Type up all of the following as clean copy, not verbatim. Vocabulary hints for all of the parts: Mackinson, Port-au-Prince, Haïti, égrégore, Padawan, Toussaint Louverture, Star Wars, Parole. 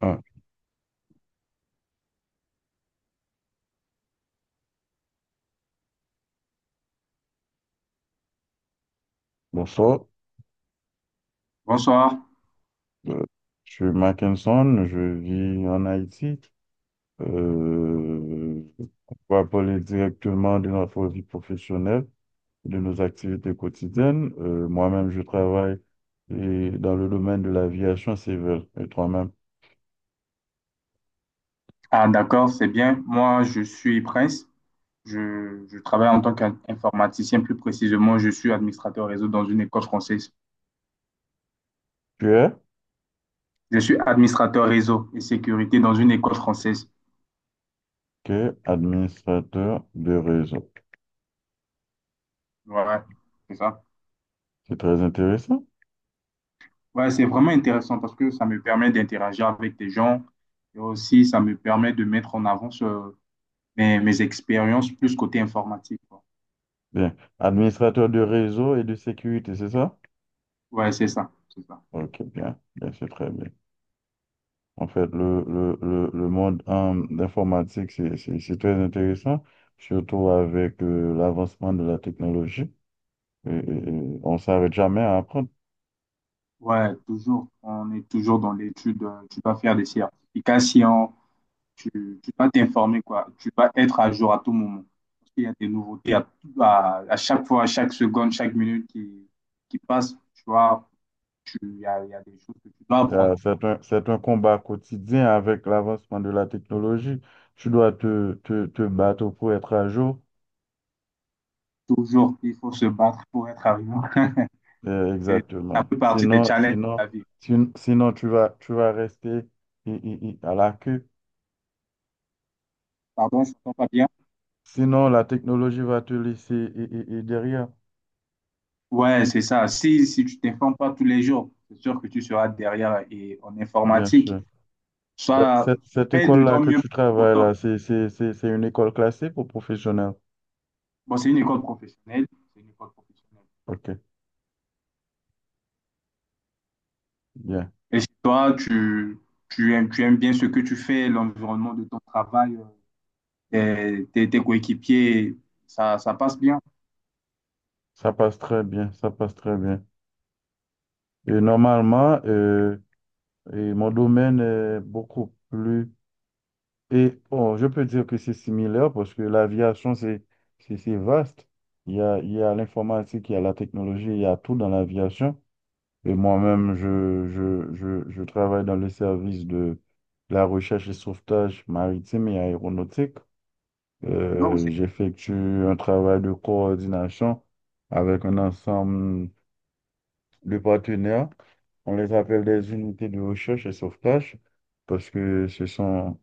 Ah, bonsoir. Bonsoir. Euh, je suis Mackinson, je vis en Haïti. Euh, on va parler directement de notre vie professionnelle, de nos activités quotidiennes. Moi-même, je travaille et dans le domaine de l'aviation civile. Et toi-même, Ah, d'accord, c'est bien. Moi, je suis Prince. Je travaille en tant qu'informaticien. Plus précisément, je suis administrateur réseau dans une école française. tu es Je suis administrateur réseau et sécurité dans une école française. tu es administrateur de réseau. Voilà, c'est ça. C'est très intéressant. Ouais, c'est vraiment intéressant parce que ça me permet d'interagir avec des gens et aussi ça me permet de mettre en avant mes expériences plus côté informatique, quoi. Bien. Administrateur de réseau et de sécurité, c'est ça? Ouais, c'est ça, c'est ça. Ok, bien. Bien, c'est très bien. En fait, le monde d'informatique, c'est très intéressant, surtout avec l'avancement de la technologie. Et, et- et on ne s'arrête jamais à apprendre. Ouais, toujours, on est toujours dans l'étude. Tu dois faire des certifications tu, tu dois t'informer, quoi. Tu dois être à jour à tout moment. Parce qu'il y a des nouveautés à chaque fois, à chaque seconde, chaque minute qui passe. Tu vois, il y a des choses que tu dois apprendre. C'est un combat quotidien avec l'avancement de la technologie. Tu dois te battre pour être à jour. Toujours, il faut se battre pour être arrivant. C'est Ça Exactement. fait partie des Sinon, challenges de sinon, la vie. sin- sinon tu vas rester à la queue. Pardon, je ne t'entends pas bien. Sinon, la technologie va te laisser i- i- i derrière, Ouais, c'est ça. Si tu t'informes pas tous les jours, c'est sûr que tu seras derrière. Et en bien informatique, sûr. Bah, soit cette fais de école-là ton que mieux tu pour être au travailles top. là, c'est une école classée pour professionnels. Bon, c'est une école professionnelle. C'est une école professionnelle. OK, bien. Et si toi, tu aimes bien ce que tu fais, l'environnement de ton travail, tes coéquipiers, ça passe bien. Ça passe très bien, ça passe très bien. Et normalement, et mon domaine est beaucoup plus. Et bon, je peux dire que c'est similaire parce que l'aviation, c'est vaste. Il y a l'informatique, il y a la technologie, il y a tout dans l'aviation. Et moi-même, je travaille dans le service de la recherche et sauvetage maritime et aéronautique. Waouh, c'est. J'effectue un travail de coordination avec un ensemble de partenaires. On les appelle des unités de recherche et sauvetage parce que ce sont,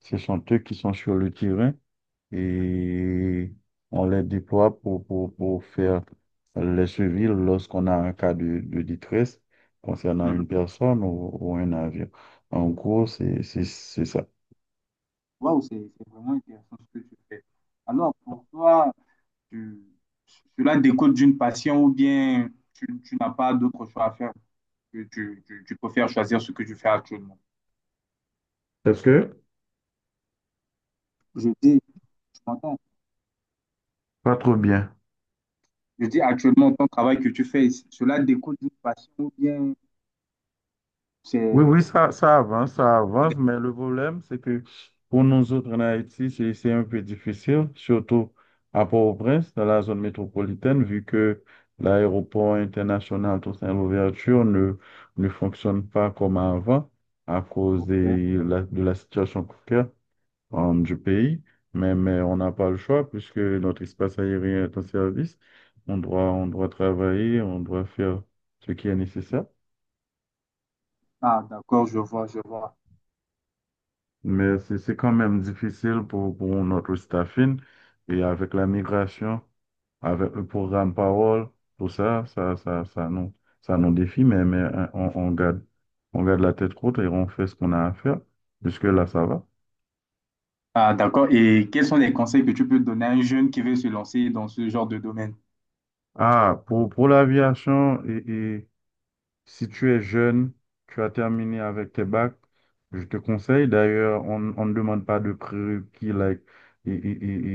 ce sont eux qui sont sur le terrain et on les déploie pour faire les suivis lorsqu'on a un cas de détresse concernant une Mhm. personne ou un avion. En gros, c'est ça. Waouh, c'est vraiment intéressant ce que tu fais. Alors, pour toi, tu, cela découle d'une passion ou bien tu n'as pas d'autre choix à faire que tu préfères choisir ce que tu fais actuellement. Est-ce que? Je dis, tu m'entends? Pas trop bien. Je dis actuellement, ton travail que tu fais, cela découle d'une passion ou bien Oui, c'est... oui, ça avance, mais le problème, c'est que pour nous autres en Haïti, c'est un peu difficile, surtout à Port-au-Prince, dans la zone métropolitaine, vu que l'aéroport international Toussaint Louverture ne fonctionne pas comme avant à cause Ok. De la situation précaire du pays. Mais on n'a pas le choix, puisque notre espace aérien est en service. On doit travailler, on doit faire ce qui est nécessaire. Ah, d'accord, je vois, je vois. Mais c'est quand même difficile pour notre staffing. Et avec la migration, avec le programme Parole, tout ça nous défie, mais, on garde la tête haute et on fait ce qu'on a à faire. Jusque-là, ça va. Ah, d'accord. Et quels sont les conseils que tu peux donner à un jeune qui veut se lancer dans ce genre de domaine? Ah, pour l'aviation, si tu es jeune, tu as terminé avec tes bacs, je te conseille. D'ailleurs, on ne demande pas de prérequis, like, et, et-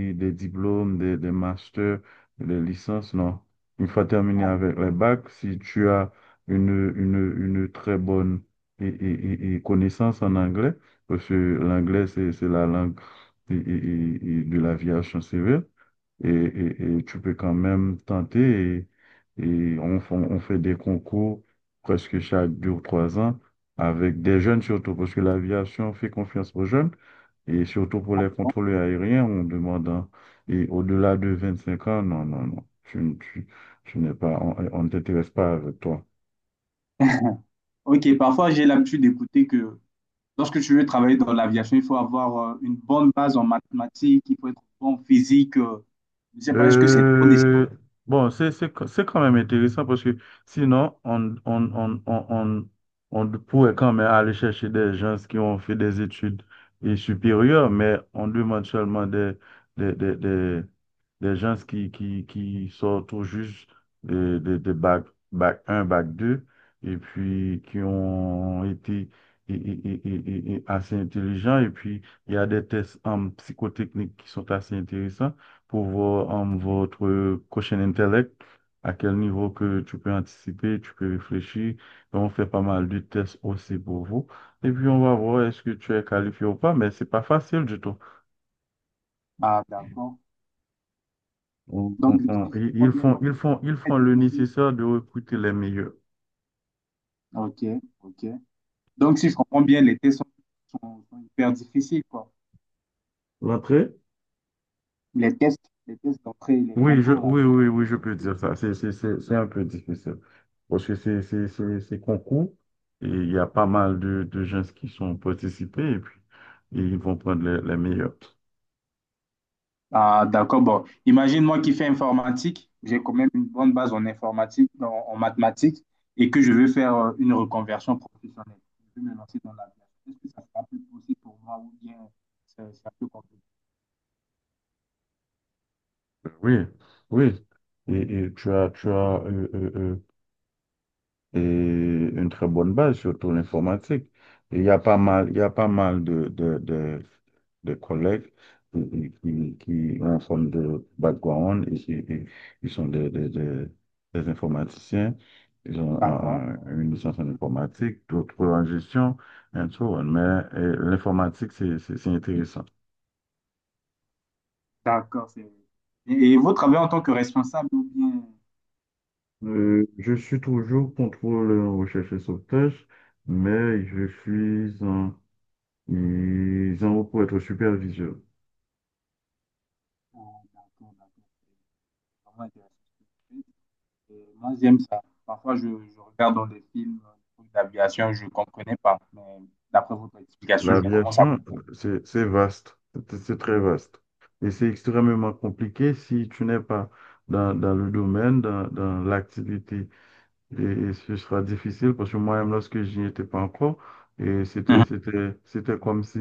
et- et des diplômes, des masters, des licences, non. Une fois terminé Ah, avec les bacs, si tu as une, une, une très bonne et connaissance en anglais, parce que l'anglais, c'est la langue et- et- et de l'aviation civile, et tu peux quand même tenter on fait des concours presque chaque deux ou trois ans avec des jeunes surtout parce que l'aviation fait confiance aux jeunes et surtout pour les d'accord. contrôleurs aériens on demande et au-delà de 25 ans, non non non, tu n'es pas. On ne t'intéresse pas avec toi. Ok, parfois j'ai l'habitude d'écouter que lorsque tu veux travailler dans l'aviation, il faut avoir une bonne base en mathématiques, il faut être bon en physique. Je ne sais pas, est-ce que c'est trop nécessaire? Euh, bon, c'est quand même intéressant parce que sinon, on pourrait quand même aller chercher des gens qui ont fait des études et supérieures, mais on demande seulement des, des, des, des gens qui sortent tout juste de bac, bac un bac 2 et puis qui ont été et assez intelligents. Et puis, il y a des tests en psychotechnique qui sont assez intéressants pour voir votre prochain intellect, à quel niveau que tu peux anticiper, tu peux réfléchir. Donc, on fait pas mal de tests aussi pour vous. Et puis, on va voir est-ce que tu es qualifié ou pas, mais c'est pas facile du tout. Ah, d'accord. Donc, si je comprends bien, les tests sont Ils très font le difficiles. nécessaire de recruter les meilleurs. Ok, ok. Donc, si je comprends bien, les tests sont hyper difficiles, quoi. L'entrée? Les tests d'entrée, les Oui, concours, là. oui, oui, oui, je peux dire ça. C'est un peu difficile. Parce que c'est concours et il y a pas mal de gens qui sont participés et puis ils vont prendre les meilleurs. Ah, d'accord. Bon, imagine moi qui fais informatique, j'ai quand même une bonne base en informatique, en mathématiques, et que je veux faire une reconversion professionnelle. Je veux me lancer dans l'aviation. Est-ce que ça sera plus possible pour moi ou bien c'est un peu compliqué? Oui, oui. Et tu as, et une très bonne base, surtout l'informatique. Il y a pas mal de collègues qui ont une forme de background et qui sont des informaticiens. Ils ont D'accord. Une licence en Mhm. informatique, d'autres en gestion, and so on. Mais l'informatique, c'est intéressant. D'accord. c'est- et vous travaillez en tant que responsable ou bien. Je suis toujours contrôleur en recherche et sauvetage, mais je suis en. Ils en ont pour être superviseurs. Ah, d'accord, d'accord. C'est vraiment intéressant ce que vous faites. Et moi, j'aime ça. Parfois, je regarde dans des films des trucs d'aviation, je ne comprenais pas. Mais d'après votre explication, D'accord. je commence à L'aviation, comprendre. C'est vaste, c'est très vaste. Et c'est extrêmement compliqué si tu n'es pas dans le domaine, dans l'activité. Et ce sera difficile parce que moi-même, lorsque j'y étais pas encore, et Mhm. C'était comme si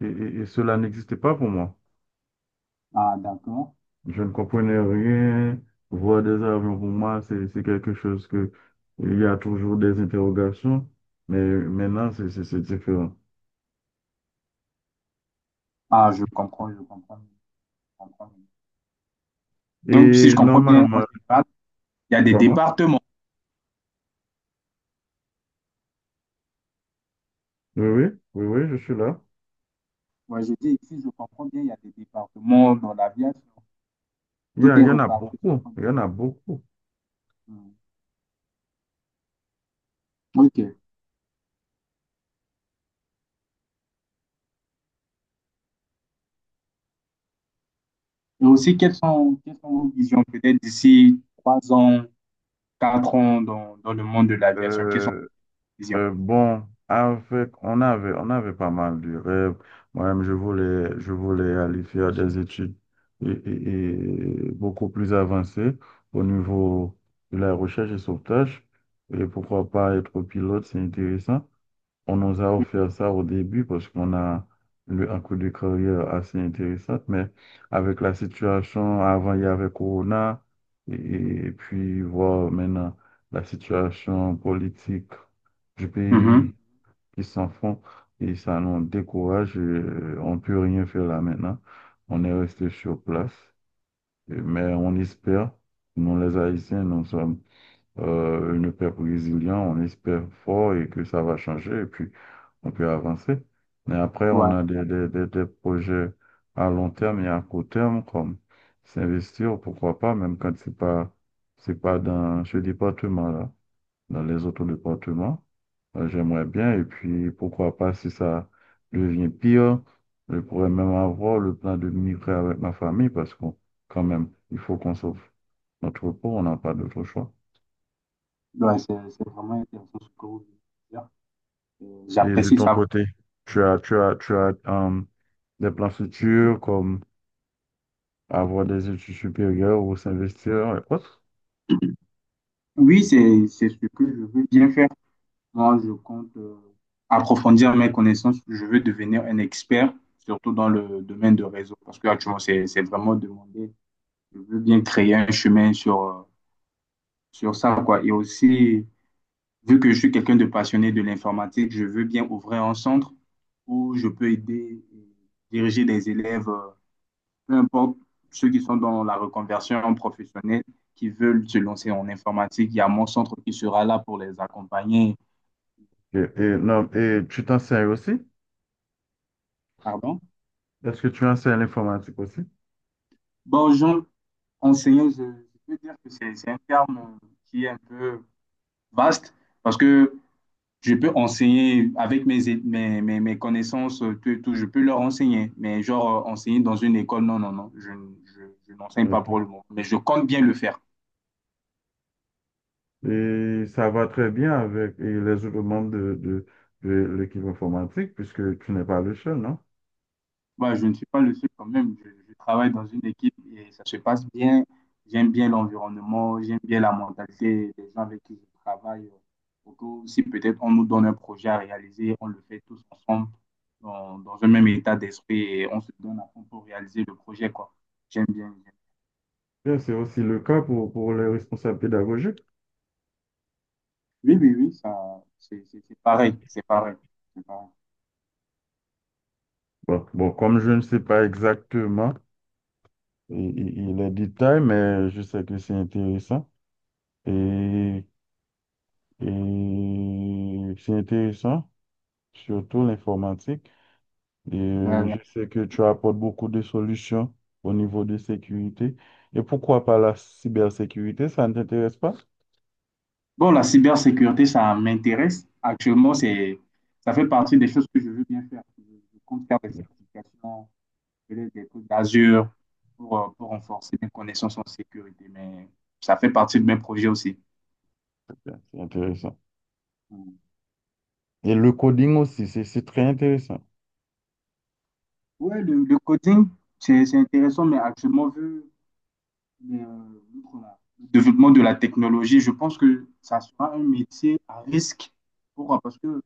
et cela n'existait pas pour moi. Ah, d'accord. Je ne comprenais rien. Voir des avions, pour moi, c'est quelque chose que il y a toujours des interrogations, mais maintenant, c'est différent. Ah, je comprends, je comprends, je comprends. Donc, si Et je comprends bien, en normalement, général, il y a des comment? départements. Oui, oui, oui, oui, je suis là. Ouais, je dis, si je comprends bien, il y a des départements dans l'aviation. Tout est Il y en a reparti. beaucoup, Sur- il y en a beaucoup. Hmm. OK. Et aussi, quelles sont vos visions peut-être d'ici 3 ans, 4 ans dans le monde de l'aviation? Quelles sont Euh, vos visions? Bon, on avait pas mal de rêves. Moi-même, je voulais aller faire des études et beaucoup plus avancées au niveau de la recherche et sauvetage. Et pourquoi pas être pilote, c'est intéressant. On nous a offert ça au début parce qu'on a eu un coup de carrière assez intéressant, mais avec la situation, avant il y avait Corona, et, et puis voir maintenant la situation politique du Mhm. pays qui s'en font, et ça nous décourage, et on peut rien faire là maintenant. On est resté sur place, mais on espère, nous les Haïtiens, nous sommes un peuple résilient, on espère fort et que ça va changer, et puis on peut avancer. Mais après, on Ouais, a des projets à long terme et à court terme, comme s'investir, pourquoi pas, même quand c'est pas dans ce département-là, dans les autres départements. J'aimerais bien, et puis pourquoi pas, si ça devient pire, je pourrais même avoir le plan de migrer avec ma famille, parce qu'on, quand même, il faut qu'on sauve notre peau, on n'a pas d'autre choix. ouais, c'est vraiment intéressant ce que vous voulez dire. Euh, Et de J'apprécie ton ça. côté, tu as, des plans futurs comme avoir des études supérieures ou s'investir et autres. Oui, c'est ce que je veux bien faire. Moi, je compte approfondir mes connaissances. Je veux devenir un expert, surtout dans le domaine de réseau, parce que actuellement, c'est vraiment demandé. Je veux bien créer un chemin sur ça, quoi. Et aussi, vu que je suis quelqu'un de passionné de l'informatique, je veux bien ouvrir un centre où je peux aider et diriger des élèves, peu importe ceux qui sont dans la reconversion professionnelle, qui veulent se lancer en informatique. Il y a mon centre qui sera là pour les accompagner. Et non, et tu t'enseignes aussi? Pardon? Est-ce que tu enseignes l'informatique aussi? Bonjour. Enseigner, je peux dire que c'est un terme qui est un peu vaste parce que je peux enseigner avec mes, é- mes, mes, mes connaissances, tout, je peux leur enseigner, mais genre enseigner dans une école, non, non, non, je n'enseigne pas Ok. pour le moment, mais je compte bien le faire. Et ça va très bien avec et les autres membres de l'équipe informatique, puisque tu n'es pas le seul, non? Bah, je ne suis pas le seul quand même. Je travaille dans une équipe et ça se passe bien. J'aime bien l'environnement, j'aime bien la mentalité des gens avec qui je travaille. Surtout si peut-être on nous donne un projet à réaliser, on le fait tous ensemble dans un même état d'esprit et on se donne à fond pour réaliser le projet, quoi. J'aime bien. J'aime- Bien, c'est aussi le cas pour les responsables pédagogiques. Oui, oui, oui, ça, c'est pareil, c'est pareil, c'est Comme je ne sais pas exactement et les détails, mais je sais que c'est intéressant. Et, et c'est intéressant, surtout l'informatique. Et pareil. je sais que tu apportes beaucoup de solutions au niveau de sécurité. Et pourquoi pas la cybersécurité, ça ne t'intéresse pas? Bon, la cybersécurité, ça m'intéresse. Actuellement, ça fait partie des choses que je veux bien faire. Je compte faire des Bien, certifications, peut-être des trucs d'Azure pour renforcer mes connaissances en sécurité. Mais ça fait partie de mes projets aussi. c'est intéressant. Mm. Et le coding aussi, c'est très intéressant. Ouais, le coding, c'est intéressant, mais actuellement, vu le, le développement de la technologie, je pense que ça sera un métier à risque pour, parce que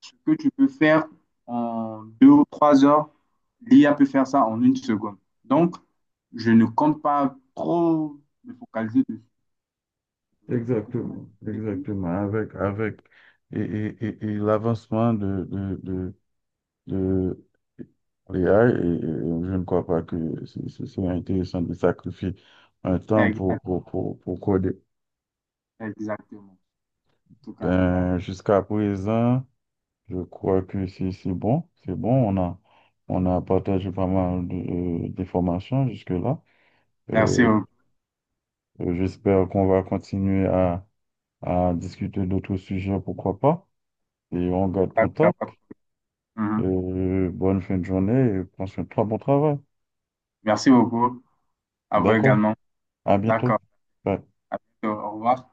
ce que tu peux faire en 2 ou 3 heures, l'IA peut faire ça en 1 seconde. Donc, je ne compte pas trop me focaliser dessus. Je préfère Exactement, être technique. exactement. Avec, et l'avancement de l'IA, et je ne crois pas que ce serait intéressant de sacrifier un temps Exact- pour coder. Exactement. En tout cas, Ben, jusqu'à présent, je crois que c'est bon, c'est bon. On a partagé pas mal d'informations jusque-là. merci Euh, beaucoup. J'espère qu'on va continuer à discuter d'autres sujets, pourquoi pas. Et on garde contact. D'accord. Mhm. Bonne fin de journée et prends soin de toi, bon travail. Merci beaucoup. À vous D'accord, également. à bientôt. D'accord. Bye. À bientôt. Au revoir.